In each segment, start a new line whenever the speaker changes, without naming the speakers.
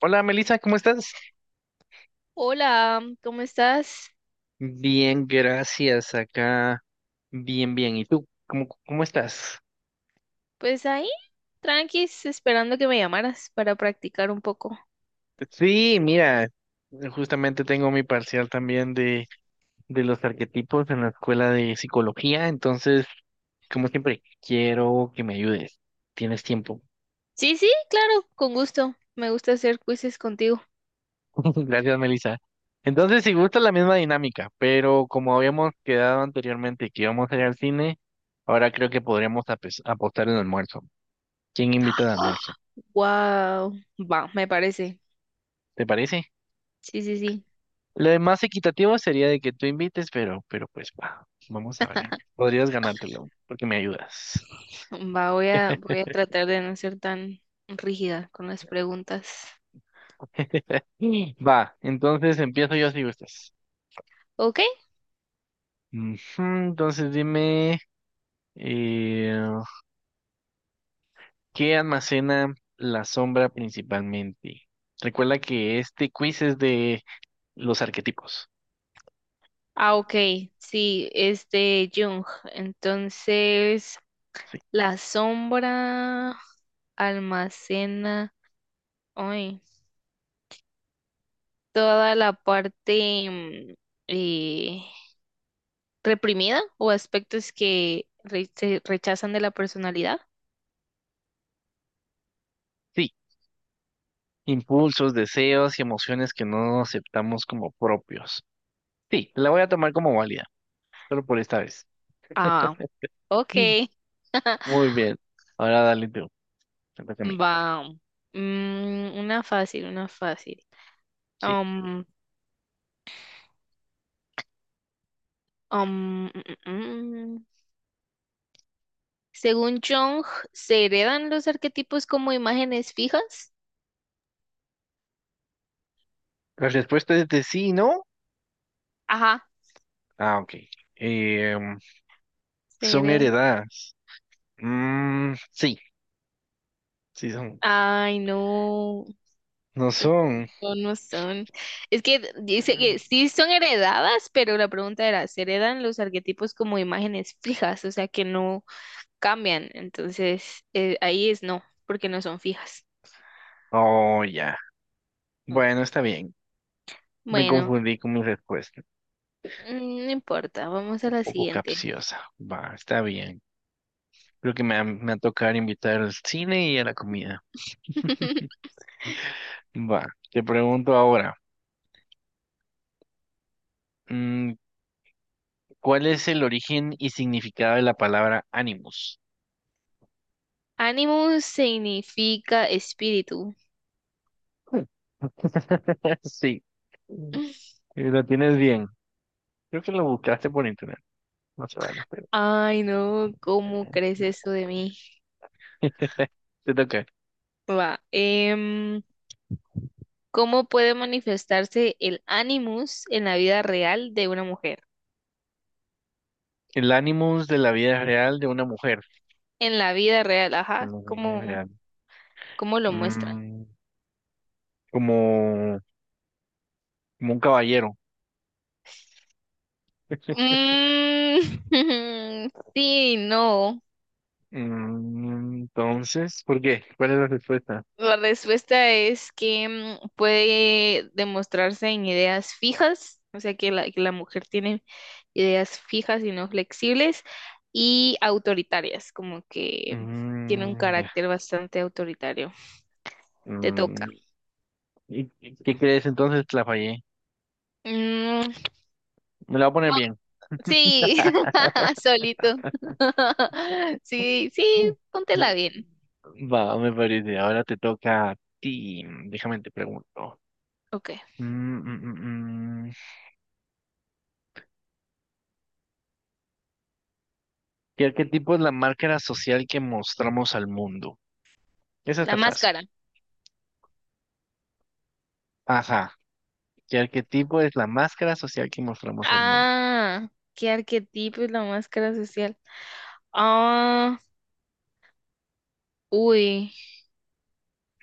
Hola Melissa, ¿cómo estás?
Hola, ¿cómo estás?
Bien, gracias. Acá, bien, bien. ¿Y tú? ¿Cómo estás?
Pues ahí, tranquis, esperando que me llamaras para practicar un poco.
Sí, mira, justamente tengo mi parcial también de los arquetipos en la escuela de psicología, entonces, como siempre, quiero que me ayudes. Tienes tiempo.
Sí, sí, claro, con gusto. Me gusta hacer quizzes contigo.
Gracias, Melissa. Entonces, si gusta la misma dinámica, pero como habíamos quedado anteriormente que íbamos a ir al cine, ahora creo que podríamos apostar el almuerzo. ¿Quién invita al almuerzo?
Wow, va, me parece.
¿Te parece?
Sí, sí, sí.
Lo más equitativo sería de que tú invites, pero pues va, vamos a ver. Podrías ganártelo, porque me ayudas.
Va, voy a tratar de no ser tan rígida con las preguntas.
Va, entonces empiezo yo si gustas.
¿Ok?
Ujú, entonces dime, eh, ¿qué almacena la sombra principalmente? Recuerda que este quiz es de los arquetipos.
Ah, ok. Sí, es de Jung. Entonces,
Sí.
la sombra almacena. Ay, toda la parte eh, reprimida o aspectos que se rechazan de la personalidad.
Sí. Impulsos, deseos y emociones que no aceptamos como propios. Sí, la voy a tomar como válida, solo por esta vez.
Ah, ok.
Muy bien. Ahora dale tú. Te toca a mí.
Va. Una fácil, una fácil.
Sí.
Um, um, mm, mm, mm. Según Jung, ¿se heredan los arquetipos como imágenes fijas?
La respuesta es de sí, ¿no?
Ajá,
Ah, ok. Eh,
se
son
heredan.
heredadas. Mm, sí, sí son.
Ay, no.
No son.
No, no son. Es que dice que
Mm.
sí son heredadas, pero la pregunta era, ¿se heredan los arquetipos como imágenes fijas? O sea, que no cambian. Entonces, ahí es no, porque no son fijas.
Oh, ya.
Ah.
Bueno, está bien. Me
Bueno,
confundí con mi respuesta.
no importa, vamos a
Un
la
poco
siguiente.
capciosa. Va, está bien. Creo que me va a tocar invitar al cine y a la comida. Va, te pregunto ahora. mm, ¿Cuál es el origen y significado de la palabra ánimos?
Animus significa espíritu.
Sí, y lo tienes bien. Creo que lo buscaste por internet. No se vale, pero.
Ay, no, ¿cómo crees eso de mí?
Te toca.
Va, ¿cómo puede manifestarse el animus en la vida real de una mujer?
El ánimos de la vida real de una mujer.
En la vida real, ajá,
La vida
¿cómo,
real.
cómo lo muestran?
Mm, como, como un caballero.
Mm, sí, no.
Mm, entonces, ¿por qué? ¿Cuál es la respuesta?
La respuesta es que puede demostrarse en ideas fijas, o sea que la, mujer tiene ideas fijas y no flexibles, y autoritarias, como que tiene un
Mm, ya.
carácter bastante autoritario. Te toca.
Mm, ¿y qué crees entonces? La fallé.
Mm,
Me la voy a poner bien.
sí, solito. Sí, sí, póntela bien.
Va, me parece. Ahora te toca a ti. Déjame te pregunto.
Ok.
Mm, mm, mm, mm. ¿Qué arquetipo es la máscara social que mostramos al mundo? Esa
La
está fácil.
máscara.
Ajá. ¿Qué arquetipo es la máscara social que mostramos al mundo?
Ah, qué arquetipo es la máscara social. Ah, uy,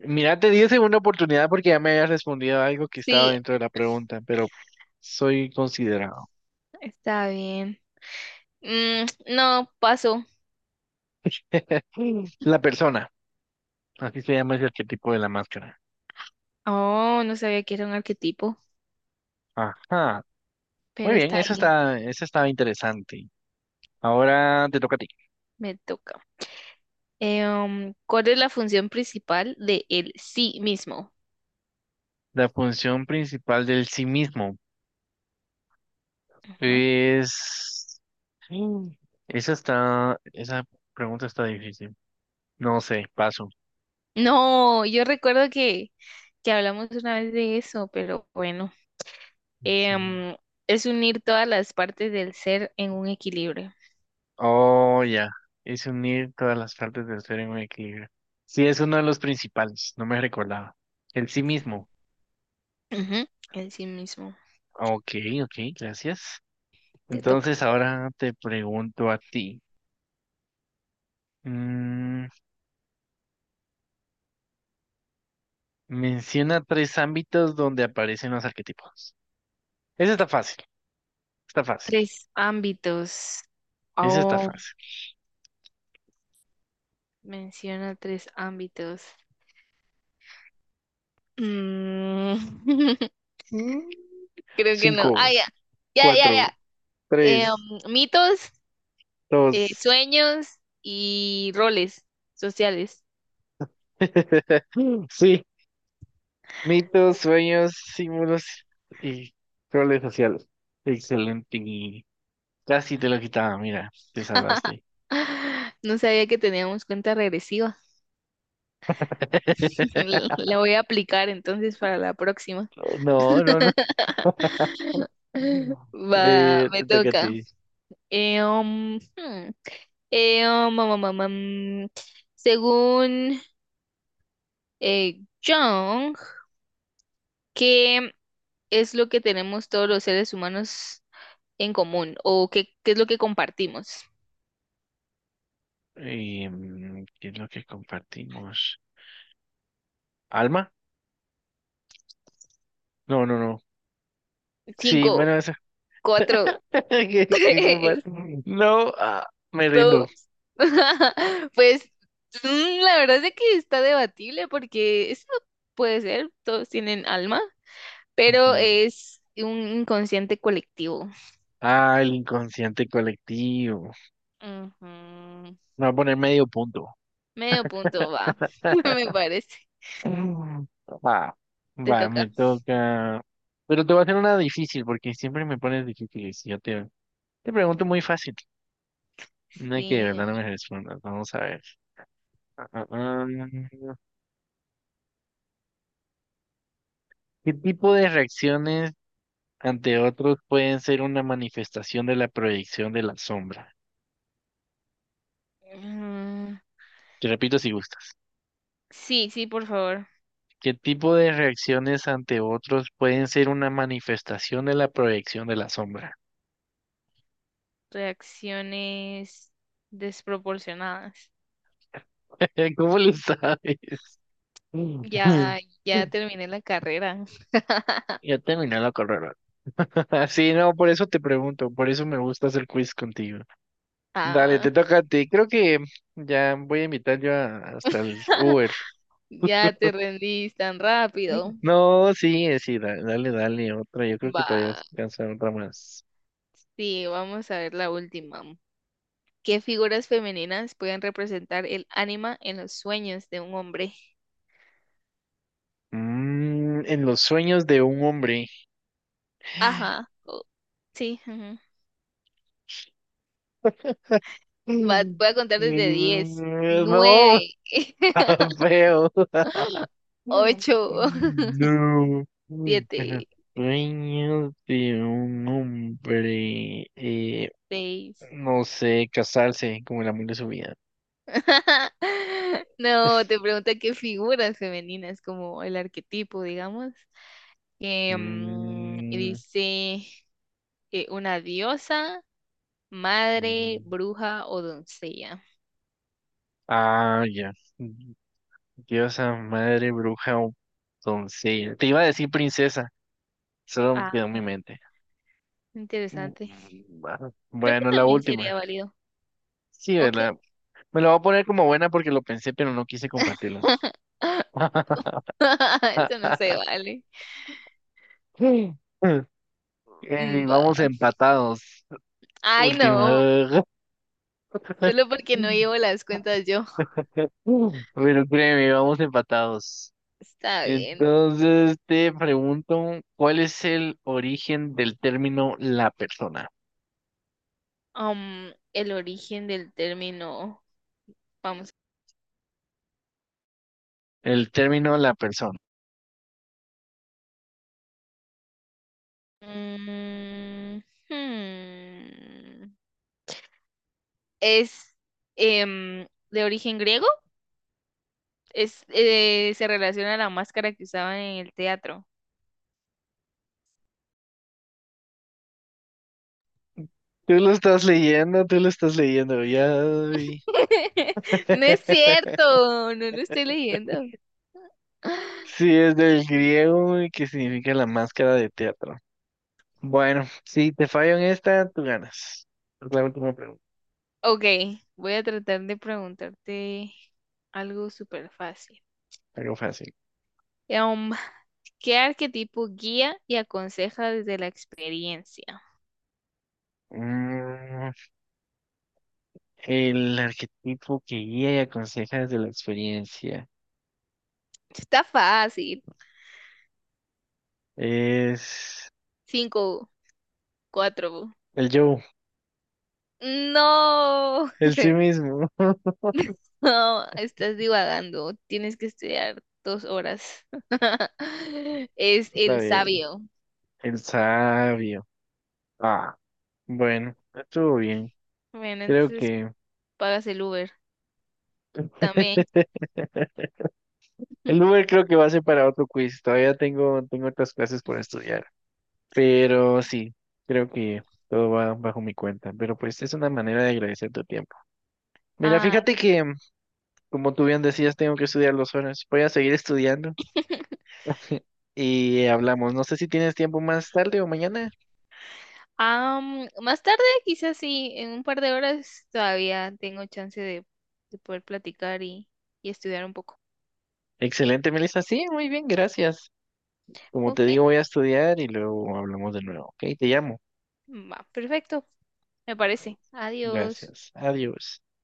Mira, te di esa segunda oportunidad porque ya me habías respondido algo que estaba
sí,
dentro de la pregunta, pero soy considerado.
está bien. Mm, no, paso.
La persona. Así se llama ese arquetipo de la máscara.
Oh, no sabía que era un arquetipo,
Ajá. Muy
pero
bien,
está
esa
bien,
está, esa está interesante. Ahora te toca a ti.
me toca. ¿Cuál es la función principal de el sí mismo?
La función principal del sí mismo
Ujú.
es... Mm. Esa está... Esa pregunta está difícil. No sé, paso.
No, yo recuerdo que hablamos una vez de eso, pero bueno. Eh,
Sí.
um, es unir todas las partes del ser en un equilibrio.
Oh, ya. Es unir todas las partes del ser en un equilibrio. Sí, es uno de los principales. No me recordaba. El sí mismo.
Ujú, en sí mismo.
Ok, ok, gracias.
Te toca.
Entonces ahora te pregunto a ti. Mm, menciona tres ámbitos donde aparecen los arquetipos. Ese está fácil, está fácil.
Tres ámbitos.
Ese está
Oh,
fácil.
menciona tres ámbitos. Mm,
Mm,
creo que no. Ah,
cinco,
ya. Ya, ya, ya.
cuatro,
Eh,
tres,
mitos,
dos.
sueños y roles sociales.
Sí, mitos, sueños, símbolos y roles sociales. Excelente. Casi te lo quitaba, mira, te salvaste.
No sabía que teníamos cuenta regresiva. La voy a aplicar entonces para la próxima.
No, no, no.
Va, me
Te toca a
toca.
ti.
Um, hmm. Um, um, um, um, um, según Jung, ¿qué es lo que tenemos todos los seres humanos en común? ¿O qué es lo que compartimos?
Em, ¿qué es lo que compartimos? ¿Alma? No, no, no. Sí,
Cinco,
bueno, eso.
cuatro,
¿Qué, qué compa-
tres,
No, ah, me rindo.
dos. Pues la verdad es que está debatible porque eso puede ser, todos tienen alma, pero es un inconsciente colectivo.
Ah, el inconsciente colectivo.
Ujú.
Me va a poner medio punto.
Medio
Mm.
punto va, me parece.
Ah,
Te
va,
toca.
me toca. Pero te voy a hacer una difícil porque siempre me pones difíciles. Y yo te pregunto muy fácil. No hay que de
Sí.
verdad no me respondas. Vamos a ver. Ah, ah, ah. ¿Qué tipo de reacciones ante otros pueden ser una manifestación de la proyección de la sombra?
Mm,
Te repito si gustas.
sí, sí, por favor.
¿Qué tipo de reacciones ante otros pueden ser una manifestación de la proyección de la sombra?
Reacciones desproporcionadas.
¿Cómo lo sabes?
Ya, ya terminé la carrera.
Ya terminé la carrera. Sí, no, por eso te pregunto, por eso me gusta hacer quiz contigo. Dale,
Ah,
te toca a ti. Creo que ya voy a invitar yo hasta el Uber.
ya te rendís tan rápido.
No, sí, sí, dale, dale, otra. Yo creo que todavía
Va.
alcanza otra más.
Sí, vamos a ver la última. ¿Qué figuras femeninas pueden representar el ánima en los sueños de un hombre?
Mm, en los sueños de un hombre.
Ajá. Sí, ajá. Va,
Mm,
voy a contar desde 10
mm, no,
9
feo. No.
8
Los
7
sueños de un hombre.
6
No sé, casarse como el amor de su vida.
No, te pregunta qué figuras femeninas, como el arquetipo, digamos. Y
Mm,
dice una diosa, madre,
mm.
bruja o doncella.
Ah, ya. Diosa, madre, bruja o doncella. Te iba a decir princesa, solo
Ah,
quedó en mi mente. Mm,
interesante.
ah,
Creo que
bueno, la
también
última.
sería válido.
Sí,
Ok.
¿verdad? Me lo voy a poner como buena porque lo pensé, pero no quise compartirlo.
Eso no se vale.
Sí.
Mm, va.
Vamos empatados.
Ay, no.
Última.
Solo porque no llevo las cuentas yo.
Pero créeme, vamos empatados.
Está bien.
Entonces te pregunto, ¿cuál es el origen del término la persona?
El origen del término. Vamos
El término la persona.
Mm, hmm. Es de origen griego, se relaciona a la máscara que usaban en el teatro.
Tú lo estás leyendo, tú lo estás leyendo, ya vi.
No es cierto, no lo estoy leyendo.
Sí, es del griego y que significa la máscara de teatro. Bueno, si te fallo en esta, tú ganas. Es la última pregunta,
Ok, voy a tratar de preguntarte algo súper fácil.
algo fácil.
Em, ¿Qué arquetipo guía y aconseja desde la experiencia?
Mm, el arquetipo que guía y aconseja desde la experiencia
Está fácil.
es
Cinco, cuatro.
el yo,
No.
el sí mismo.
No, estás divagando. Tienes que estudiar 2 horas. Es
Está
el
bien,
sabio.
el sabio. Ah, bueno, estuvo bien.
Bueno,
Creo
entonces
que
pagas el Uber también.
el Uber creo que va a ser para otro quiz. Todavía tengo otras clases por estudiar. Pero sí, creo que todo va bajo mi cuenta. Pero pues es una manera de agradecer tu tiempo. Mira,
Ah,
fíjate
ok.
que, como tú bien decías, tengo que estudiar 2 horas. Voy a seguir estudiando. Y hablamos. No sé si tienes tiempo más tarde o mañana.
Ah, más tarde, quizás sí, en un par de horas todavía tengo chance de, poder platicar y estudiar un poco.
Excelente, Melissa. Sí, muy bien, gracias. Como te
Ok,
digo, voy a estudiar y luego hablamos de nuevo, ¿ok? Te llamo.
va, perfecto, me parece. Adiós.
Gracias. Adiós.